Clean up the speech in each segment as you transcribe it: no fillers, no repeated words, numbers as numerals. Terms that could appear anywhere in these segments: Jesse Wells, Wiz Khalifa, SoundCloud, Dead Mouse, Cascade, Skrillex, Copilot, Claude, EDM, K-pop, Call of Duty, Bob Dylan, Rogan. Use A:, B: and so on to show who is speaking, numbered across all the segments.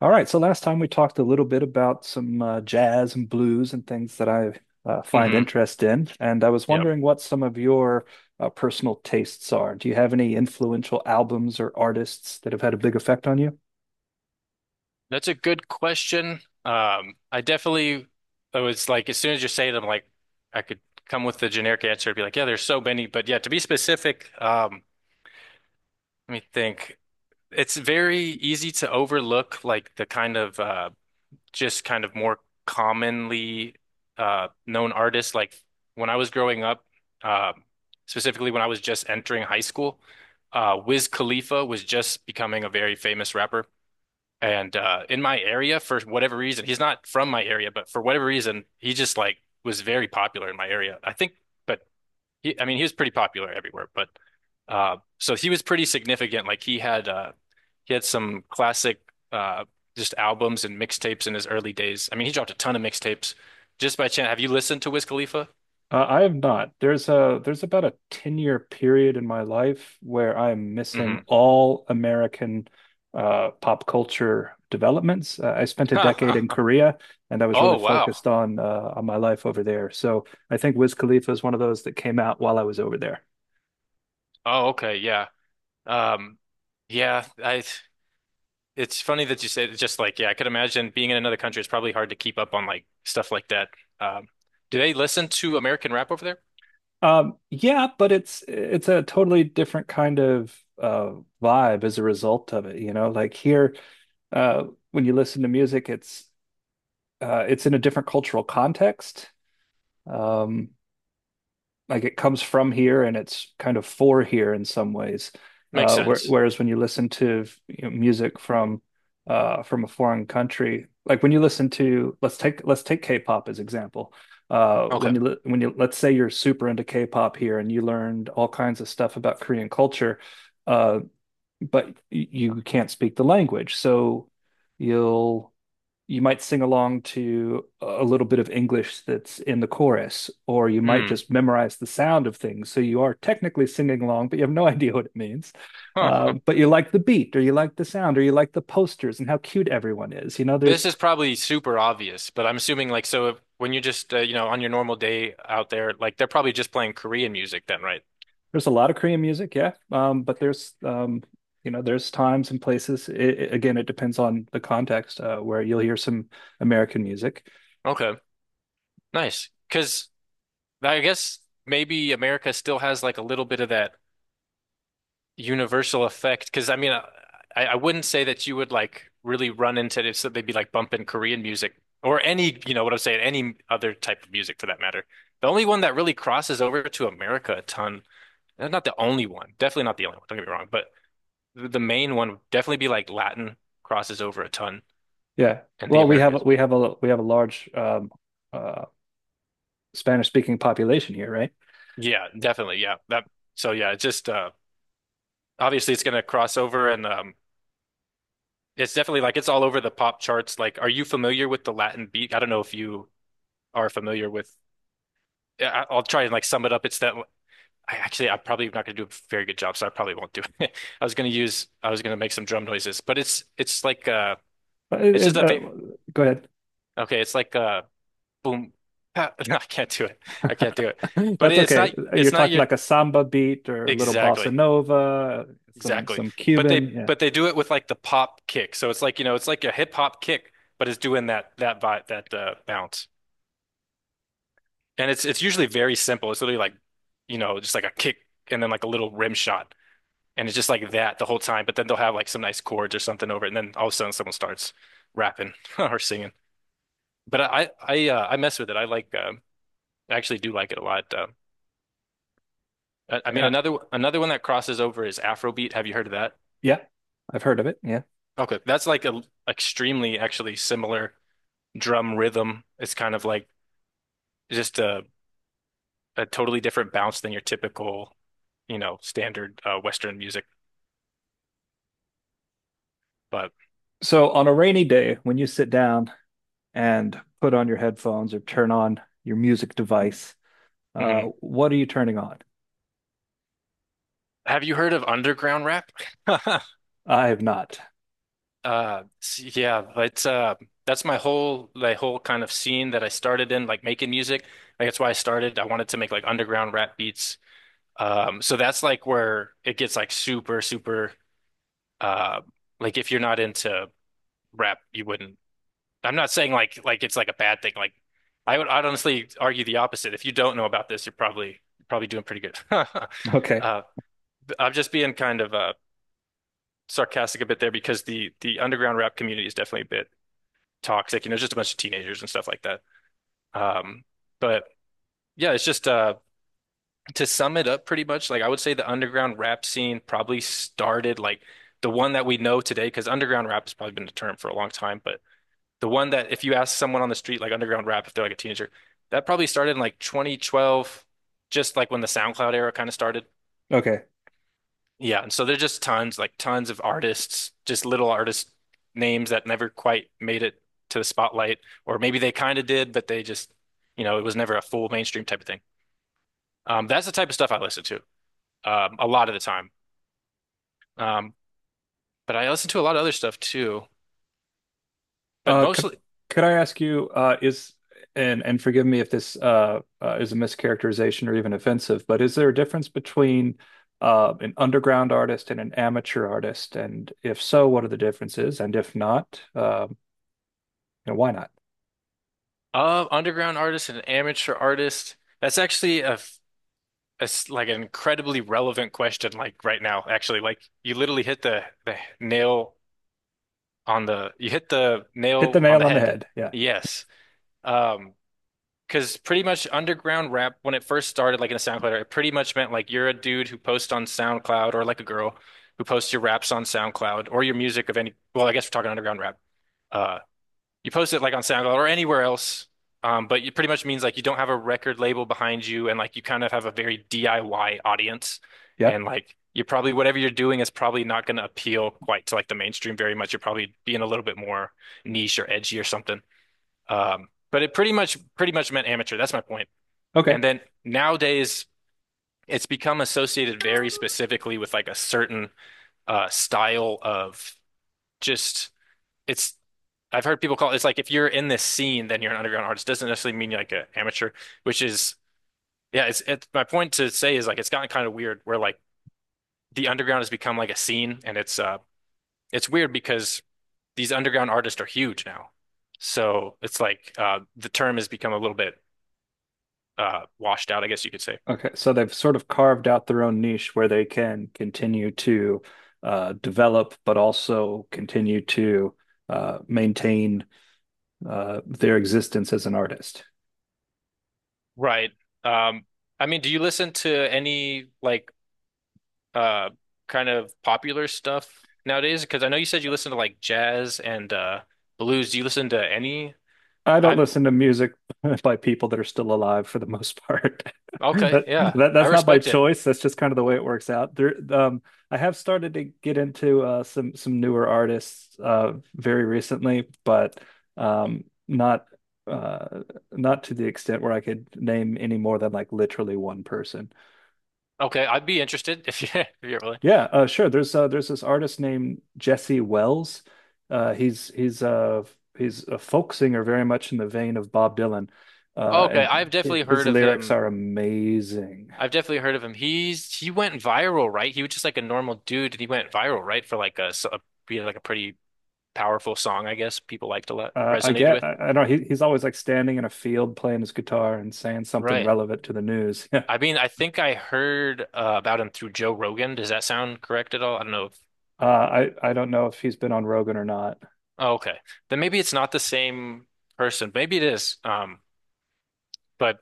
A: All right, so last time we talked a little bit about some jazz and blues and things that I find
B: Hmm.
A: interest in, and I was
B: Yeah,
A: wondering what some of your personal tastes are. Do you have any influential albums or artists that have had a big effect on you?
B: that's a good question. I definitely, I was like, as soon as you say it, I'm like, I could come with the generic answer and be like, yeah, there's so many. But yeah, to be specific, let me think. It's very easy to overlook like the kind of just kind of more commonly known artists. Like when I was growing up, um, specifically when I was just entering high school, Wiz Khalifa was just becoming a very famous rapper. And in my area for whatever reason, he's not from my area, but for whatever reason, he just like was very popular in my area, I think. But he, I mean, he was pretty popular everywhere. But so he was pretty significant. Like he had some classic uh, just albums and mixtapes in his early days. I mean, he dropped a ton of mixtapes. Just by chance, have you listened to Wiz Khalifa?
A: I have not. There's a there's about a 10-year period in my life where I'm missing
B: Hmm.
A: all American pop culture developments. I spent a decade in Korea, and I was really
B: Oh wow.
A: focused on my life over there. So I think Wiz Khalifa is one of those that came out while I was over there.
B: Oh okay, yeah. Um, yeah. I It's funny that you said it's just like, yeah, I could imagine being in another country. It's probably hard to keep up on like stuff like that. Um, do they listen to American rap over there?
A: Yeah, but it's a totally different kind of vibe as a result of it. Like here, uh, when you listen to music, it's in a different cultural context. Um, like it comes from here and it's kind of for here in some ways.
B: Makes sense.
A: Whereas when you listen to music from a foreign country, like when you listen to let's take K-pop as example. When you
B: Okay.
A: li- when you Let's say you're super into K-pop here and you learned all kinds of stuff about Korean culture, uh, but you can't speak the language, so you'll you might sing along to a little bit of English that's in the chorus, or you might
B: Hmm.
A: just memorize the sound of things. So you are technically singing along, but you have no idea what it means.
B: Huh, huh.
A: But you like the beat, or you like the sound, or you like the posters and how cute everyone is.
B: This is probably super obvious, but I'm assuming like so if, when you're just you know, on your normal day out there, like they're probably just playing Korean music then, right?
A: There's a lot of Korean music, yeah, but there's there's times and places. Again, it depends on the context where you'll hear some American music.
B: Okay. Nice. Because I guess maybe America still has like a little bit of that universal effect, because I mean, I wouldn't say that you would like really run into this, so they'd be like bumping Korean music or any, you know what I'm saying, any other type of music for that matter. The only one that really crosses over to America a ton, and not the only one, definitely not the only one, don't get me wrong, but the main one would definitely be like Latin. Crosses over a ton
A: Yeah,
B: in the
A: well,
B: Americas.
A: we have a large uh, Spanish speaking population here, right?
B: Yeah, definitely, yeah, that, so yeah, it's just obviously it's gonna cross over. And it's definitely like it's all over the pop charts. Like, are you familiar with the Latin beat? I don't know if you are familiar with. I'll try and like sum it up. It's that I'm probably not going to do a very good job, so I probably won't do it. I was going to make some drum noises, but it's like
A: Uh,
B: it's just
A: it-
B: a
A: uh,
B: very
A: Go ahead.
B: okay. It's like boom. Pa- No, I can't do it. I can't do it. But
A: That's
B: it's not
A: okay. You're
B: it's not
A: talking
B: your
A: like a samba beat or a little bossa
B: exactly
A: nova,
B: exactly.
A: some
B: But
A: Cuban.
B: they
A: Yeah.
B: but they do it with like the pop kick. So it's like, you know, it's like a hip hop kick, but it's doing that that vibe, that bounce. And it's usually very simple. It's literally like, you know, just like a kick and then like a little rim shot. And it's just like that the whole time, but then they'll have like some nice chords or something over it, and then all of a sudden someone starts rapping or singing. But I mess with it. I like I actually do like it a lot.
A: Yeah.
B: Another one that crosses over is Afrobeat. Have you heard of that?
A: Yeah. I've heard of it. Yeah.
B: Okay, that's like a extremely actually similar drum rhythm. It's kind of like just a totally different bounce than your typical, you know, standard Western music. But
A: So on a rainy day, when you sit down and put on your headphones or turn on your music device.
B: mhm.
A: What are you turning on?
B: Have you heard of underground rap?
A: I have not.
B: Yeah, it's that's my whole kind of scene that I started in, like making music. Like that's why I started. I wanted to make like underground rap beats. So that's like where it gets like super, super. Uh, like if you're not into rap, you wouldn't. I'm not saying like it's like a bad thing. Like I'd honestly argue the opposite. If you don't know about this, you're probably doing pretty good.
A: Okay.
B: Uh, I'm just being kind of sarcastic a bit there because the underground rap community is definitely big. Toxic, you know, just a bunch of teenagers and stuff like that. Um, but yeah, it's just to sum it up pretty much, like I would say the underground rap scene probably started like the one that we know today, because underground rap has probably been a term for a long time, but the one that if you ask someone on the street like underground rap if they're like a teenager, that probably started in like 2012, just like when the SoundCloud era kind of started.
A: Okay.
B: Yeah, and so there's just tons, like tons of artists, just little artist names that never quite made it to the spotlight, or maybe they kind of did, but they just, you know, it was never a full mainstream type of thing. That's the type of stuff I listen to, a lot of the time. Um, but I listen to a lot of other stuff too, but
A: Uh, could
B: mostly
A: could I ask you, is and forgive me if this is a mischaracterization or even offensive, but is there a difference between an underground artist and an amateur artist? And if so, what are the differences? And if not, you know, why not?
B: underground artists and amateur artists. That's actually a, f- a s- like an incredibly relevant question, like right now, actually. Like you literally hit the nail on the— You hit the
A: Hit the
B: nail on
A: nail
B: the
A: on the
B: head.
A: head. Yeah.
B: Yes. Um, because pretty much underground rap when it first started, like in a SoundCloud, it pretty much meant like you're a dude who posts on SoundCloud, or like a girl who posts your raps on SoundCloud, or your music of any, well, I guess we're talking underground rap. Uh you post it like on SoundCloud or anywhere else, but it pretty much means like you don't have a record label behind you, and like you kind of have a very DIY audience,
A: Yeah.
B: and like you probably whatever you're doing is probably not going to appeal quite to like the mainstream very much. You're probably being a little bit more niche or edgy or something. But it pretty much meant amateur. That's my point. And
A: Okay.
B: then nowadays, it's become associated very specifically with like a certain style of just it's I've heard people call it, it's like if you're in this scene, then you're an underground artist. Doesn't necessarily mean you're like an amateur, which is yeah. It's my point to say is like it's gotten kind of weird where like the underground has become like a scene, and it's weird because these underground artists are huge now, so it's like the term has become a little bit washed out, I guess you could say.
A: Okay, so they've sort of carved out their own niche where they can continue to develop, but also continue to maintain their existence as an artist.
B: Right. Um, I mean, do you listen to any like uh kind of popular stuff nowadays? Because I know you said you listen to like jazz and blues. Do you listen to any?
A: I don't
B: I
A: listen to music by people that are still alive for the most part.
B: okay, yeah, I
A: That's not by
B: respect it.
A: choice. That's just kind of the way it works out. I have started to get into some newer artists very recently, but not uh, not to the extent where I could name any more than like literally one person.
B: Okay, I'd be interested if you, if you're willing.
A: Yeah, sure. There's this artist named Jesse Wells. Uh, he's he's uh, he's a folk singer, very much in the vein of Bob Dylan,
B: Okay,
A: and
B: I've definitely
A: his
B: heard of
A: lyrics
B: him.
A: are amazing.
B: I've definitely heard of him. He's he went viral, right? He was just like a normal dude, and he went viral, right? For like a, s- a you know, like a pretty powerful song, I guess people liked a lot, resonated with.
A: I don't know. He's always like standing in a field playing his guitar and saying something
B: Right.
A: relevant to the news. Yeah.
B: I mean, I think I heard about him through Joe Rogan. Does that sound correct at all? I don't know.
A: I don't know if he's been on Rogan or not.
B: Oh, okay. Then maybe it's not the same person. Maybe it is. But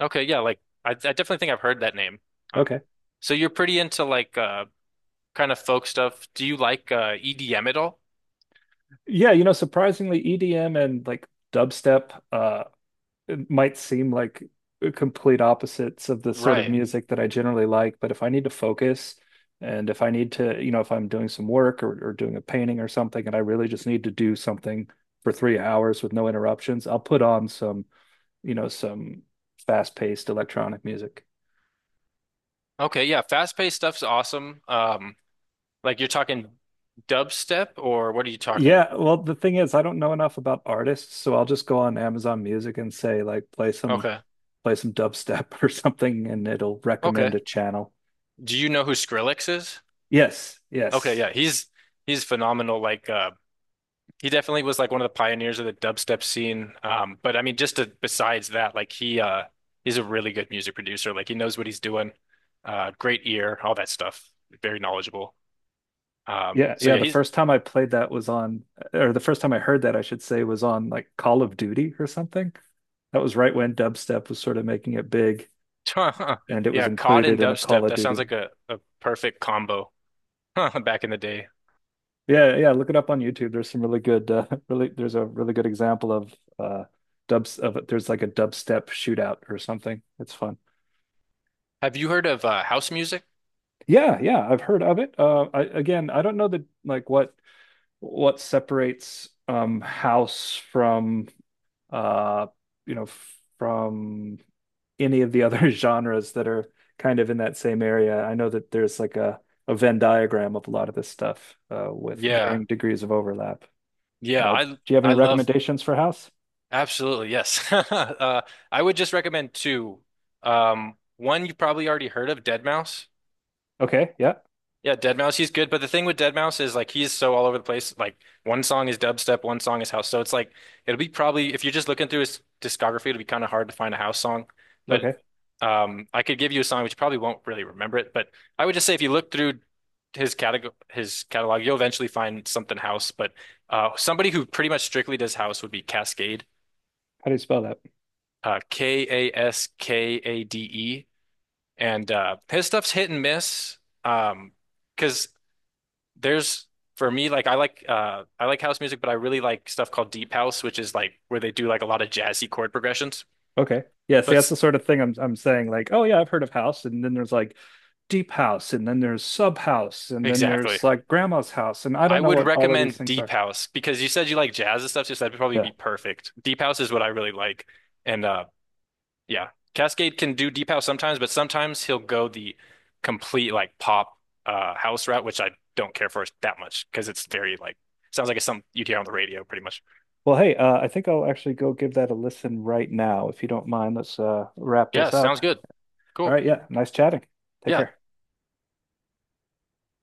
B: okay, yeah, like I definitely think I've heard that name. Um,
A: Okay.
B: so you're pretty into like kind of folk stuff. Do you like EDM at all?
A: Yeah, you know, surprisingly, EDM and like dubstep. It might seem like complete opposites of the sort of
B: Right.
A: music that I generally like, but if I need to focus and if I need to, you know, if I'm doing some work or doing a painting or something and I really just need to do something for 3 hours with no interruptions, I'll put on some, you know, some fast-paced electronic music.
B: Okay, yeah, fast-paced stuff's awesome. Like you're talking dubstep or what are you talking?
A: Yeah, well, the thing is, I don't know enough about artists, so I'll just go on Amazon Music and say like
B: Okay.
A: play some dubstep or something and it'll recommend
B: Okay.
A: a channel.
B: Do you know who Skrillex is?
A: Yes,
B: Okay,
A: yes.
B: yeah, he's phenomenal like he definitely was like one of the pioneers of the dubstep scene. But I mean, just to, besides that, like he he's a really good music producer. Like he knows what he's doing. Great ear, all that stuff. Very knowledgeable.
A: Yeah,
B: So
A: yeah,
B: yeah,
A: the
B: he's
A: first time I played that was on or the first time I heard that I should say was on like Call of Duty or something. That was right when dubstep was sort of making it big and it was
B: yeah, cod
A: included
B: and
A: in a Call
B: dubstep.
A: of
B: That
A: Duty.
B: sounds like a perfect combo back in the day.
A: Yeah, yeah, look it up on YouTube. There's some really good really there's a really good example of dubs of it. There's like a dubstep shootout or something. It's fun.
B: Have you heard of house music?
A: Yeah, yeah, I've heard of it. I again, I don't know that like what separates house from uh you know from any of the other genres that are kind of in that same area. I know that there's like a Venn diagram of a lot of this stuff with
B: Yeah,
A: varying degrees of overlap.
B: yeah,
A: Do you have any
B: I love
A: recommendations for house?
B: absolutely, yes. I would just recommend two. One you probably already heard of, Dead Mouse.
A: Okay, yeah,
B: Yeah, Dead Mouse, he's good, but the thing with Dead Mouse is like he's so all over the place. Like one song is dubstep, one song is house. So it's like it'll be probably if you're just looking through his discography, it'll be kind of hard to find a house song. But
A: okay.
B: I could give you a song which you probably won't really remember it, but I would just say if you look through his catalog, you'll eventually find something house. But somebody who pretty much strictly does house would be Cascade.
A: How do you spell that?
B: Kaskade. And his stuff's hit and miss. Um because there's for me like I like I like house music, but I really like stuff called deep house, which is like where they do like a lot of jazzy chord progressions.
A: Okay, yeah. See,
B: But
A: that's the
B: s-
A: sort of thing I'm saying. Like, oh yeah, I've heard of house, and then there's like deep house, and then there's sub house, and then
B: exactly.
A: there's like grandma's house, and I
B: I
A: don't know
B: would
A: what all of these
B: recommend
A: things
B: deep
A: are.
B: house because you said you like jazz and stuff, so that'd probably
A: Yeah.
B: be perfect. Deep house is what I really like. And yeah, Cascade can do deep house sometimes, but sometimes he'll go the complete like pop house route, which I don't care for that much because it's very like sounds like it's something you'd hear on the radio pretty much.
A: Well, hey, I think I'll actually go give that a listen right now, if you don't mind. Let's wrap
B: Yeah,
A: this up.
B: sounds good.
A: All
B: Cool.
A: right, yeah. Nice chatting. Take
B: Yeah.
A: care.